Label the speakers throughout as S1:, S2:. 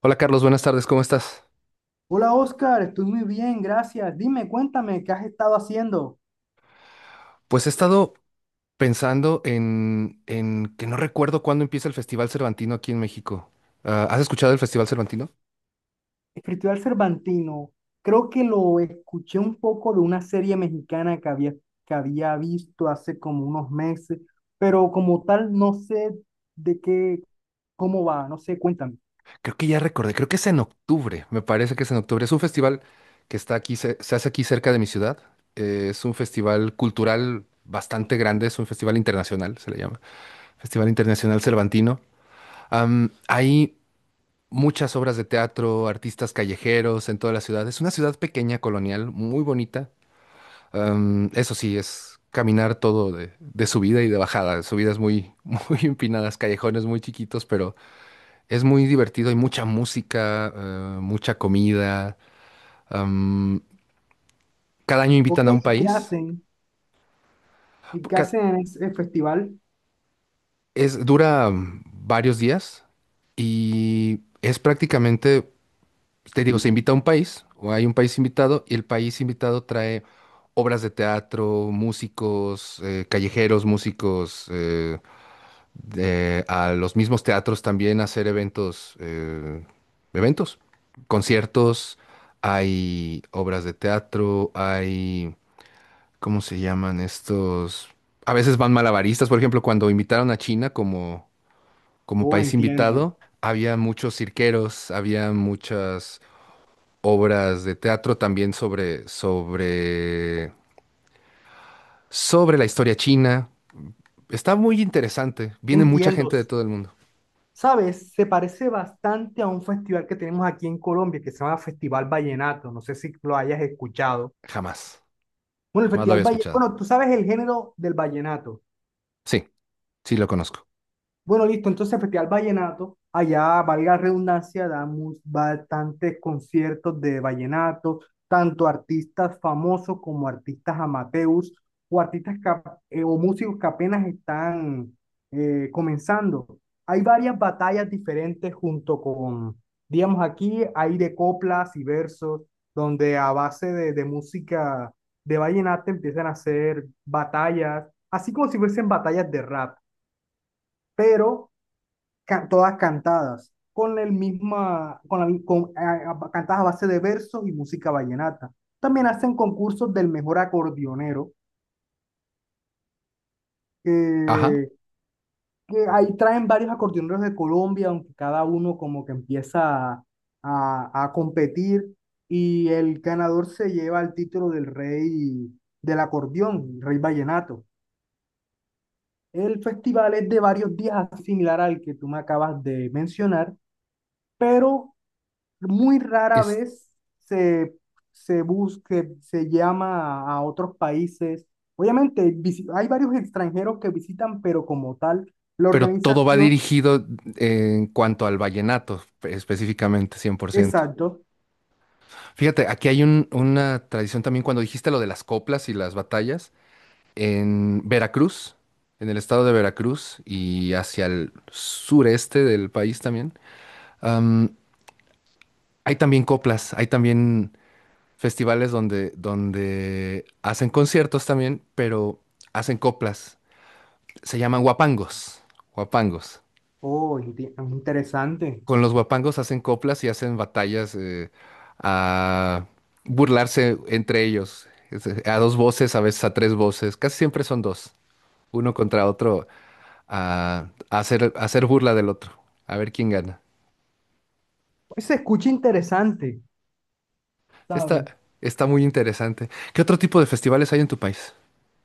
S1: Hola Carlos, buenas tardes, ¿cómo estás?
S2: Hola Oscar, estoy muy bien, gracias. Dime, cuéntame, ¿qué has estado haciendo?
S1: Pues he estado pensando en que no recuerdo cuándo empieza el Festival Cervantino aquí en México. Ah, ¿has escuchado el Festival Cervantino?
S2: Escritor Cervantino, creo que lo escuché un poco de una serie mexicana que había visto hace como unos meses, pero como tal no sé de qué, cómo va, no sé, cuéntame.
S1: Creo que ya recordé, creo que es en octubre, me parece que es en octubre. Es un festival que está aquí, hace aquí cerca de mi ciudad. Es un festival cultural bastante grande, es un festival internacional, se le llama. Festival Internacional Cervantino. Hay muchas obras de teatro, artistas callejeros en toda la ciudad. Es una ciudad pequeña, colonial, muy bonita. Eso sí, es caminar todo de subida y de bajada. Subidas muy, muy empinadas, callejones muy chiquitos, pero es muy divertido. Hay mucha música, mucha comida. Am, Cada año
S2: Ok,
S1: invitan a un país.
S2: ¿Y qué
S1: Ca-
S2: hacen en ese festival?
S1: Dura varios días y es prácticamente, te digo, se invita a un país o hay un país invitado y el país invitado trae obras de teatro, músicos, callejeros, músicos, a los mismos teatros también hacer eventos, eventos, conciertos, hay obras de teatro, hay, ¿cómo se llaman estos? A veces van malabaristas, por ejemplo, cuando invitaron a China como
S2: Oh,
S1: país invitado, había muchos cirqueros, había muchas obras de teatro también sobre la historia china. Está muy interesante, viene mucha
S2: entiendo.
S1: gente de todo el mundo.
S2: ¿Sabes? Se parece bastante a un festival que tenemos aquí en Colombia que se llama Festival Vallenato, no sé si lo hayas escuchado.
S1: Jamás,
S2: Bueno, el
S1: jamás lo
S2: Festival
S1: había
S2: Valle,
S1: escuchado.
S2: bueno, tú sabes el género del vallenato.
S1: Sí, sí lo conozco.
S2: Bueno, listo. Entonces, Festival Vallenato, allá, valga la redundancia, damos bastantes conciertos de vallenato, tanto artistas famosos como artistas amateurs o artistas que o músicos que apenas están comenzando. Hay varias batallas diferentes junto con, digamos, aquí hay de coplas y versos, donde a base de música de vallenato empiezan a hacer batallas, así como si fuesen batallas de rap pero ca- todas cantadas, con el misma, con la, con- a- cantadas a base de versos y música vallenata. También hacen concursos del mejor acordeonero,
S1: Ajá.
S2: que que ahí traen varios acordeoneros de Colombia, aunque cada uno como que empieza a, a competir y el ganador se lleva el título del rey del acordeón, rey vallenato. El festival es de varios días, similar al que tú me acabas de mencionar, pero muy rara
S1: Es,
S2: vez se, se busca, se llama a otros países. Obviamente, visi- hay varios extranjeros que visitan, pero como tal, la
S1: pero todo va
S2: organización,
S1: dirigido en cuanto al vallenato, específicamente, 100%.
S2: exacto.
S1: Fíjate, aquí hay una tradición también cuando dijiste lo de las coplas y las batallas, en Veracruz, en el estado de Veracruz y hacia el sureste del país también, am, hay también coplas, hay también festivales donde hacen conciertos también, pero hacen coplas. Se llaman guapangos, guapangos.
S2: Oh, enti- interesante.
S1: Con los guapangos hacen coplas y hacen batallas a burlarse entre ellos. A dos voces, a veces a tres voces. Casi siempre son dos. Uno contra otro a hacer burla del otro. A ver quién gana.
S2: Se escucha interesante,
S1: Sí, Está,
S2: ¿sabes?
S1: está muy interesante. ¿Qué otro tipo de festivales hay en tu país?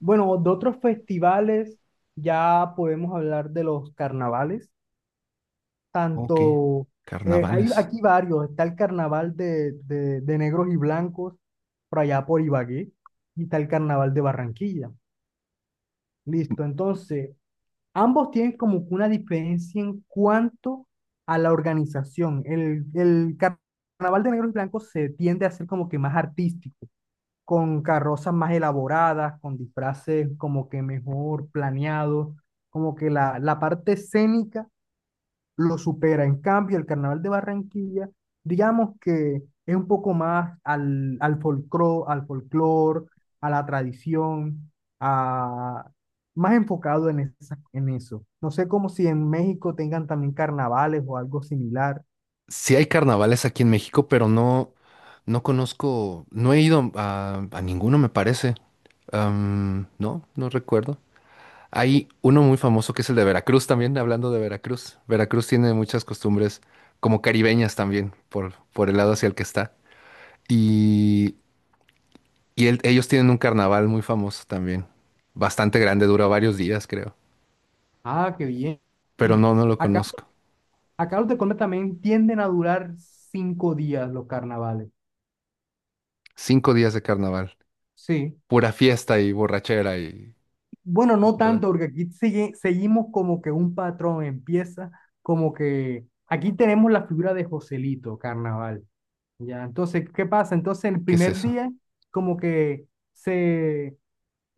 S2: Bueno, de otros festivales ya podemos hablar de los carnavales.
S1: Ok,
S2: Tanto, hay
S1: carnavales.
S2: aquí varios, está el carnaval de negros y blancos por allá por Ibagué y está el carnaval de Barranquilla. Listo, entonces, ambos tienen como que una diferencia en cuanto a la organización. El car- carnaval de negros y blancos se tiende a ser como que más artístico, con carrozas más elaboradas, con disfraces como que mejor planeados, como que la parte escénica lo supera. En cambio, el carnaval de Barranquilla, digamos que es un poco más al, al folclore, a la tradición, a, más enfocado en, esa- en eso. No sé cómo si en México tengan también carnavales o algo similar.
S1: Sí hay carnavales aquí en México, pero no, no conozco, no he ido a ninguno, me parece. No, no recuerdo. Hay uno muy famoso que es el de Veracruz también, hablando de Veracruz. Veracruz tiene muchas costumbres como caribeñas también, por el lado hacia el que está. Y, y ellos tienen un carnaval muy famoso también, bastante grande, dura varios días, creo.
S2: Ah, qué bien.
S1: Pero no, no lo
S2: Acá,
S1: conozco.
S2: acá los de Colombia también tienden a durar 5 días los carnavales.
S1: 5 días de carnaval,
S2: Sí.
S1: pura fiesta y borrachera
S2: Bueno,
S1: y
S2: no
S1: todo lo que-
S2: tanto, porque aquí sigue- seguimos como que un patrón empieza, como que aquí tenemos la figura de Joselito Carnaval, ¿ya? Entonces, ¿qué pasa? Entonces, el
S1: ¿Qué es
S2: primer
S1: eso?
S2: día, como que se,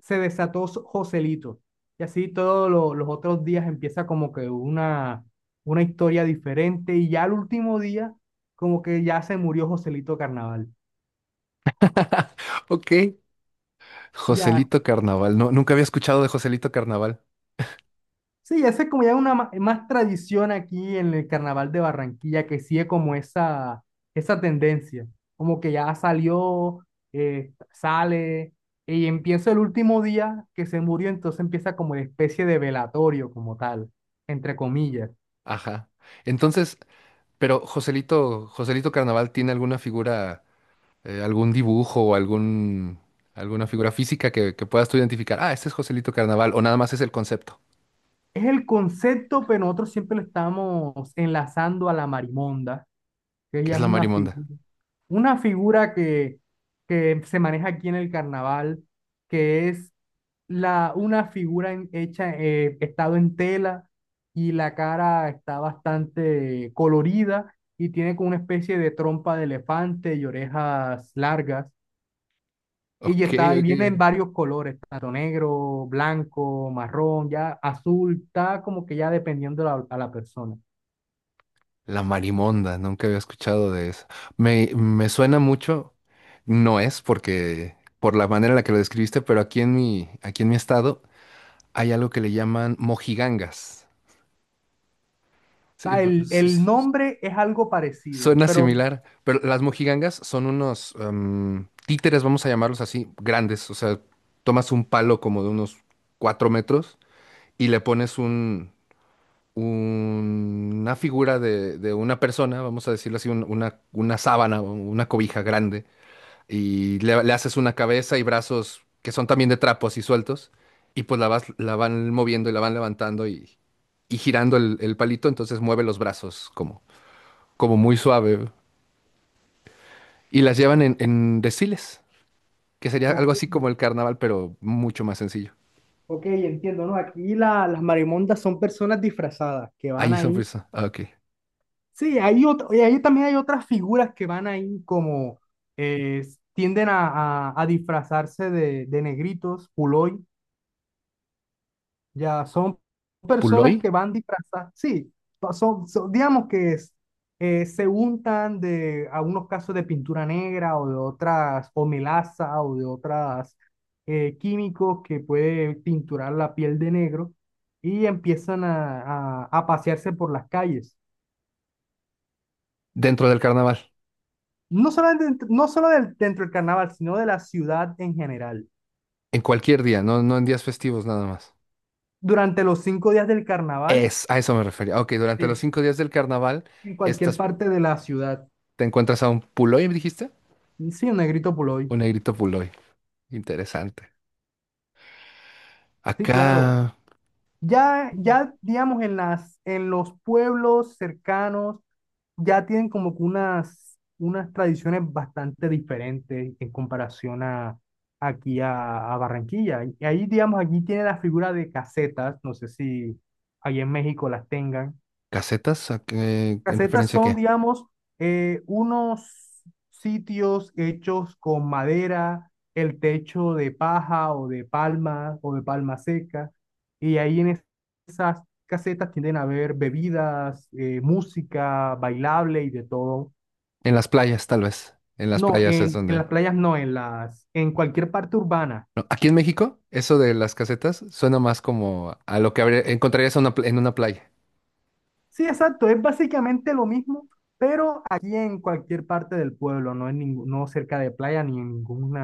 S2: se desató so- Joselito, y así todos lo- los otros días empieza como que una historia diferente, y ya el último día, como que ya se murió Joselito Carnaval,
S1: Ok.
S2: ya.
S1: Joselito Carnaval. No, nunca había escuchado de Joselito Carnaval.
S2: Sí, esa es como ya una ma- más tradición aquí en el Carnaval de Barranquilla que sigue como esa tendencia, como que ya salió, sale y empieza el último día que se murió, entonces empieza como una especie de velatorio como tal, entre comillas.
S1: Ajá. Entonces, pero Joselito, Joselito Carnaval tiene alguna figura algún dibujo o algún, alguna figura física que puedas tú identificar. Ah, este es Joselito Carnaval, o nada más es el concepto,
S2: Es el concepto, pero nosotros siempre lo estamos enlazando a la marimonda que
S1: qué
S2: ella
S1: es
S2: es
S1: la marimonda.
S2: una figura que se maneja aquí en el carnaval, que es la, una figura en- hecha, estado en tela y la cara está bastante colorida y tiene como una especie de trompa de elefante y orejas largas. Y ya
S1: Ok,
S2: está, y
S1: ok,
S2: viene en
S1: ok.
S2: varios colores, tanto negro, blanco, marrón, ya azul, está como que ya dependiendo la- a la persona. O
S1: La marimonda, nunca había escuchado de eso. Me suena mucho, no es porque por la manera en la que lo describiste, pero aquí en mi estado hay algo que le llaman mojigangas. Sí,
S2: sea, el,
S1: pues,
S2: el
S1: s-
S2: nombre es algo parecido,
S1: Suena
S2: pero
S1: similar, pero las mojigangas son unos títeres, vamos a llamarlos así, grandes. O sea, tomas un palo como de unos 4 metros y le pones una figura de una persona, vamos a decirlo así, una sábana, o una cobija grande, y le haces una cabeza y brazos que son también de trapo así sueltos, y pues la vas, la van moviendo y la van levantando y girando el palito, entonces mueve los brazos como muy suave. Y las llevan en desfiles, que sería
S2: ok,
S1: algo así como el carnaval, pero mucho más sencillo.
S2: ok, entiendo, ¿no? Aquí la- las marimondas son personas disfrazadas que van
S1: Ahí son
S2: ahí.
S1: frisos. Ah, ok.
S2: Sí, hay otra, y ahí también hay otras figuras que van ahí como eh, tienden a disfrazarse de negritos, puloy. Ya, son personas
S1: Puloy,
S2: que van disfrazadas, sí, pa- son, son- digamos que es, se untan de algunos casos de pintura negra o de otras, o melaza o de otras químicos que puede pinturar la piel de negro y empiezan a pasearse por las calles.
S1: dentro del carnaval,
S2: No solo, dentro, no solo del- dentro del carnaval, sino de la ciudad en general.
S1: en cualquier día, no, no en días festivos nada más.
S2: Durante los 5 días del carnaval,
S1: A eso me refería. Ok, durante los
S2: sí,
S1: 5 días del carnaval,
S2: en cualquier
S1: estas,
S2: parte de la ciudad.
S1: te encuentras a un Puloy, ¿me dijiste?
S2: Sí, un negrito por hoy.
S1: Un negrito Puloy. Interesante.
S2: Sí, claro.
S1: Acá,
S2: Ya, ya, digamos, en las, en los pueblos cercanos, ya tienen como que unas, unas tradiciones bastante diferentes en comparación a aquí a Barranquilla. Y ahí, digamos, aquí tiene la figura de casetas, no sé si ahí en México las tengan
S1: casetas, ¿en
S2: casetas
S1: referencia a
S2: son,
S1: qué?
S2: digamos, unos sitios hechos con madera, el techo de paja o de palma seca, y ahí en es- esas casetas tienden a haber bebidas, música, bailable y de todo.
S1: En las playas, tal vez. En las
S2: No,
S1: playas es
S2: en las
S1: donde...
S2: playas no, en las, en cualquier parte urbana.
S1: No, aquí en México, eso de las casetas suena más como a lo que encontrarías en una playa.
S2: Sí, exacto, es básicamente lo mismo, pero aquí en cualquier parte del pueblo, no en ningún, no cerca de playa ni en ningún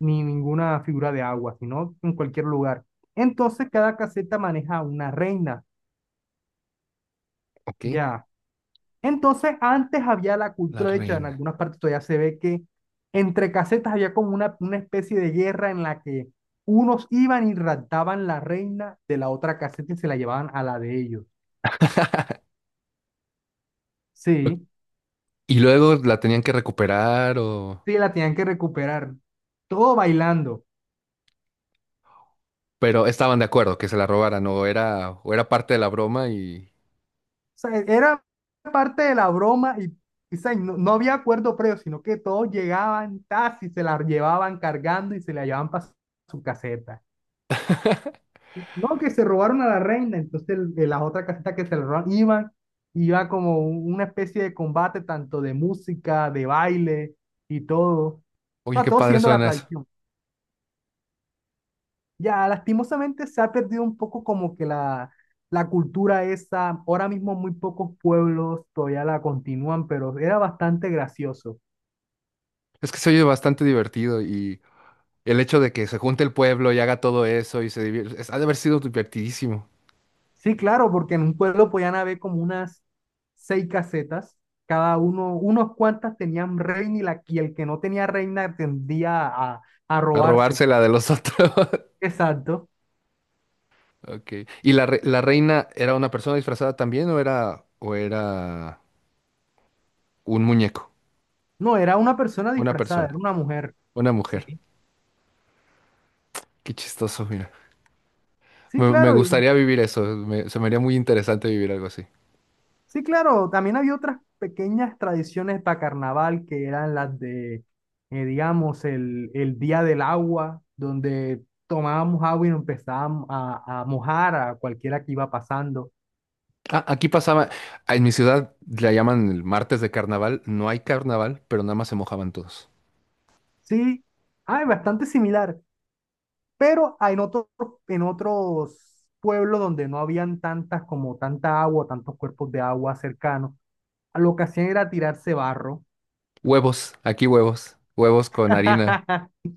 S2: ni ninguna figura de agua, sino en cualquier lugar. Entonces cada caseta maneja una reina,
S1: Ok,
S2: ya. Entonces antes había la
S1: la
S2: cultura, de hecho en
S1: reina.
S2: algunas partes todavía se ve que entre casetas había como una especie de guerra en la que unos iban y raptaban la reina de la otra caseta y se la llevaban a la de ellos.
S1: Lo-
S2: Sí,
S1: Y luego la tenían que recuperar o...
S2: sí, la tenían que recuperar. Todo bailando.
S1: Pero estaban de acuerdo que se la robaran o era, parte de la broma y...
S2: Sea, era parte de la broma y, o sea, y no, no había acuerdo previo, sino que todos llegaban tas y se la llevaban cargando y se la llevaban para su caseta. No, que se robaron a la reina, entonces el- de la otra caseta que se la robaron iban, iba como un- una especie de combate tanto de música, de baile y todo. O
S1: Oye,
S2: sea,
S1: qué
S2: todo
S1: padre
S2: siendo la
S1: suena eso.
S2: tradición. Ya, lastimosamente se ha perdido un poco como que la cultura esa. Ahora mismo muy pocos pueblos todavía la continúan, pero era bastante gracioso.
S1: Es que se oye bastante divertido y el hecho de que se junte el pueblo y haga todo eso y ha de haber sido divertidísimo.
S2: Sí, claro, porque en un pueblo podían haber como unas seis casetas. Cada uno, unos cuantas tenían reina y, la, y el que no tenía reina tendía a
S1: A
S2: robársela.
S1: robársela de los otros.
S2: Exacto.
S1: Ok. ¿Y la reina era una persona disfrazada también? Un muñeco,
S2: No, era una persona
S1: una
S2: disfrazada, era
S1: persona,
S2: una mujer.
S1: una
S2: Sí.
S1: mujer. Qué chistoso, mira.
S2: Sí,
S1: Me
S2: claro, y
S1: gustaría vivir eso. Se me haría muy interesante vivir algo así.
S2: sí, claro, también había otras pequeñas tradiciones para carnaval que eran las de, digamos, el día del agua, donde tomábamos agua y nos empezábamos a mojar a cualquiera que iba pasando.
S1: Ah, aquí pasaba, en mi ciudad la llaman el martes de carnaval. No hay carnaval, pero nada más se mojaban todos.
S2: Sí, hay bastante similar, pero hay en otros pueblos donde no habían tantas como tanta agua, tantos cuerpos de agua cercanos, lo que hacían era tirarse barro.
S1: Huevos, aquí huevos, huevos con harina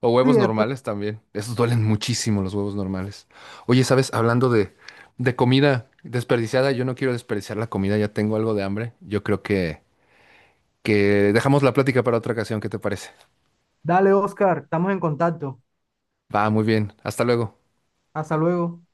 S1: o
S2: Sí,
S1: huevos
S2: eso.
S1: normales también. Esos duelen muchísimo los huevos normales. Oye, ¿sabes? Hablando de comida desperdiciada, yo no quiero desperdiciar la comida, ya tengo algo de hambre. Yo creo que dejamos la plática para otra ocasión, ¿qué te parece?
S2: Dale, Oscar, estamos en contacto.
S1: Va, muy bien. Hasta luego.
S2: Hasta luego.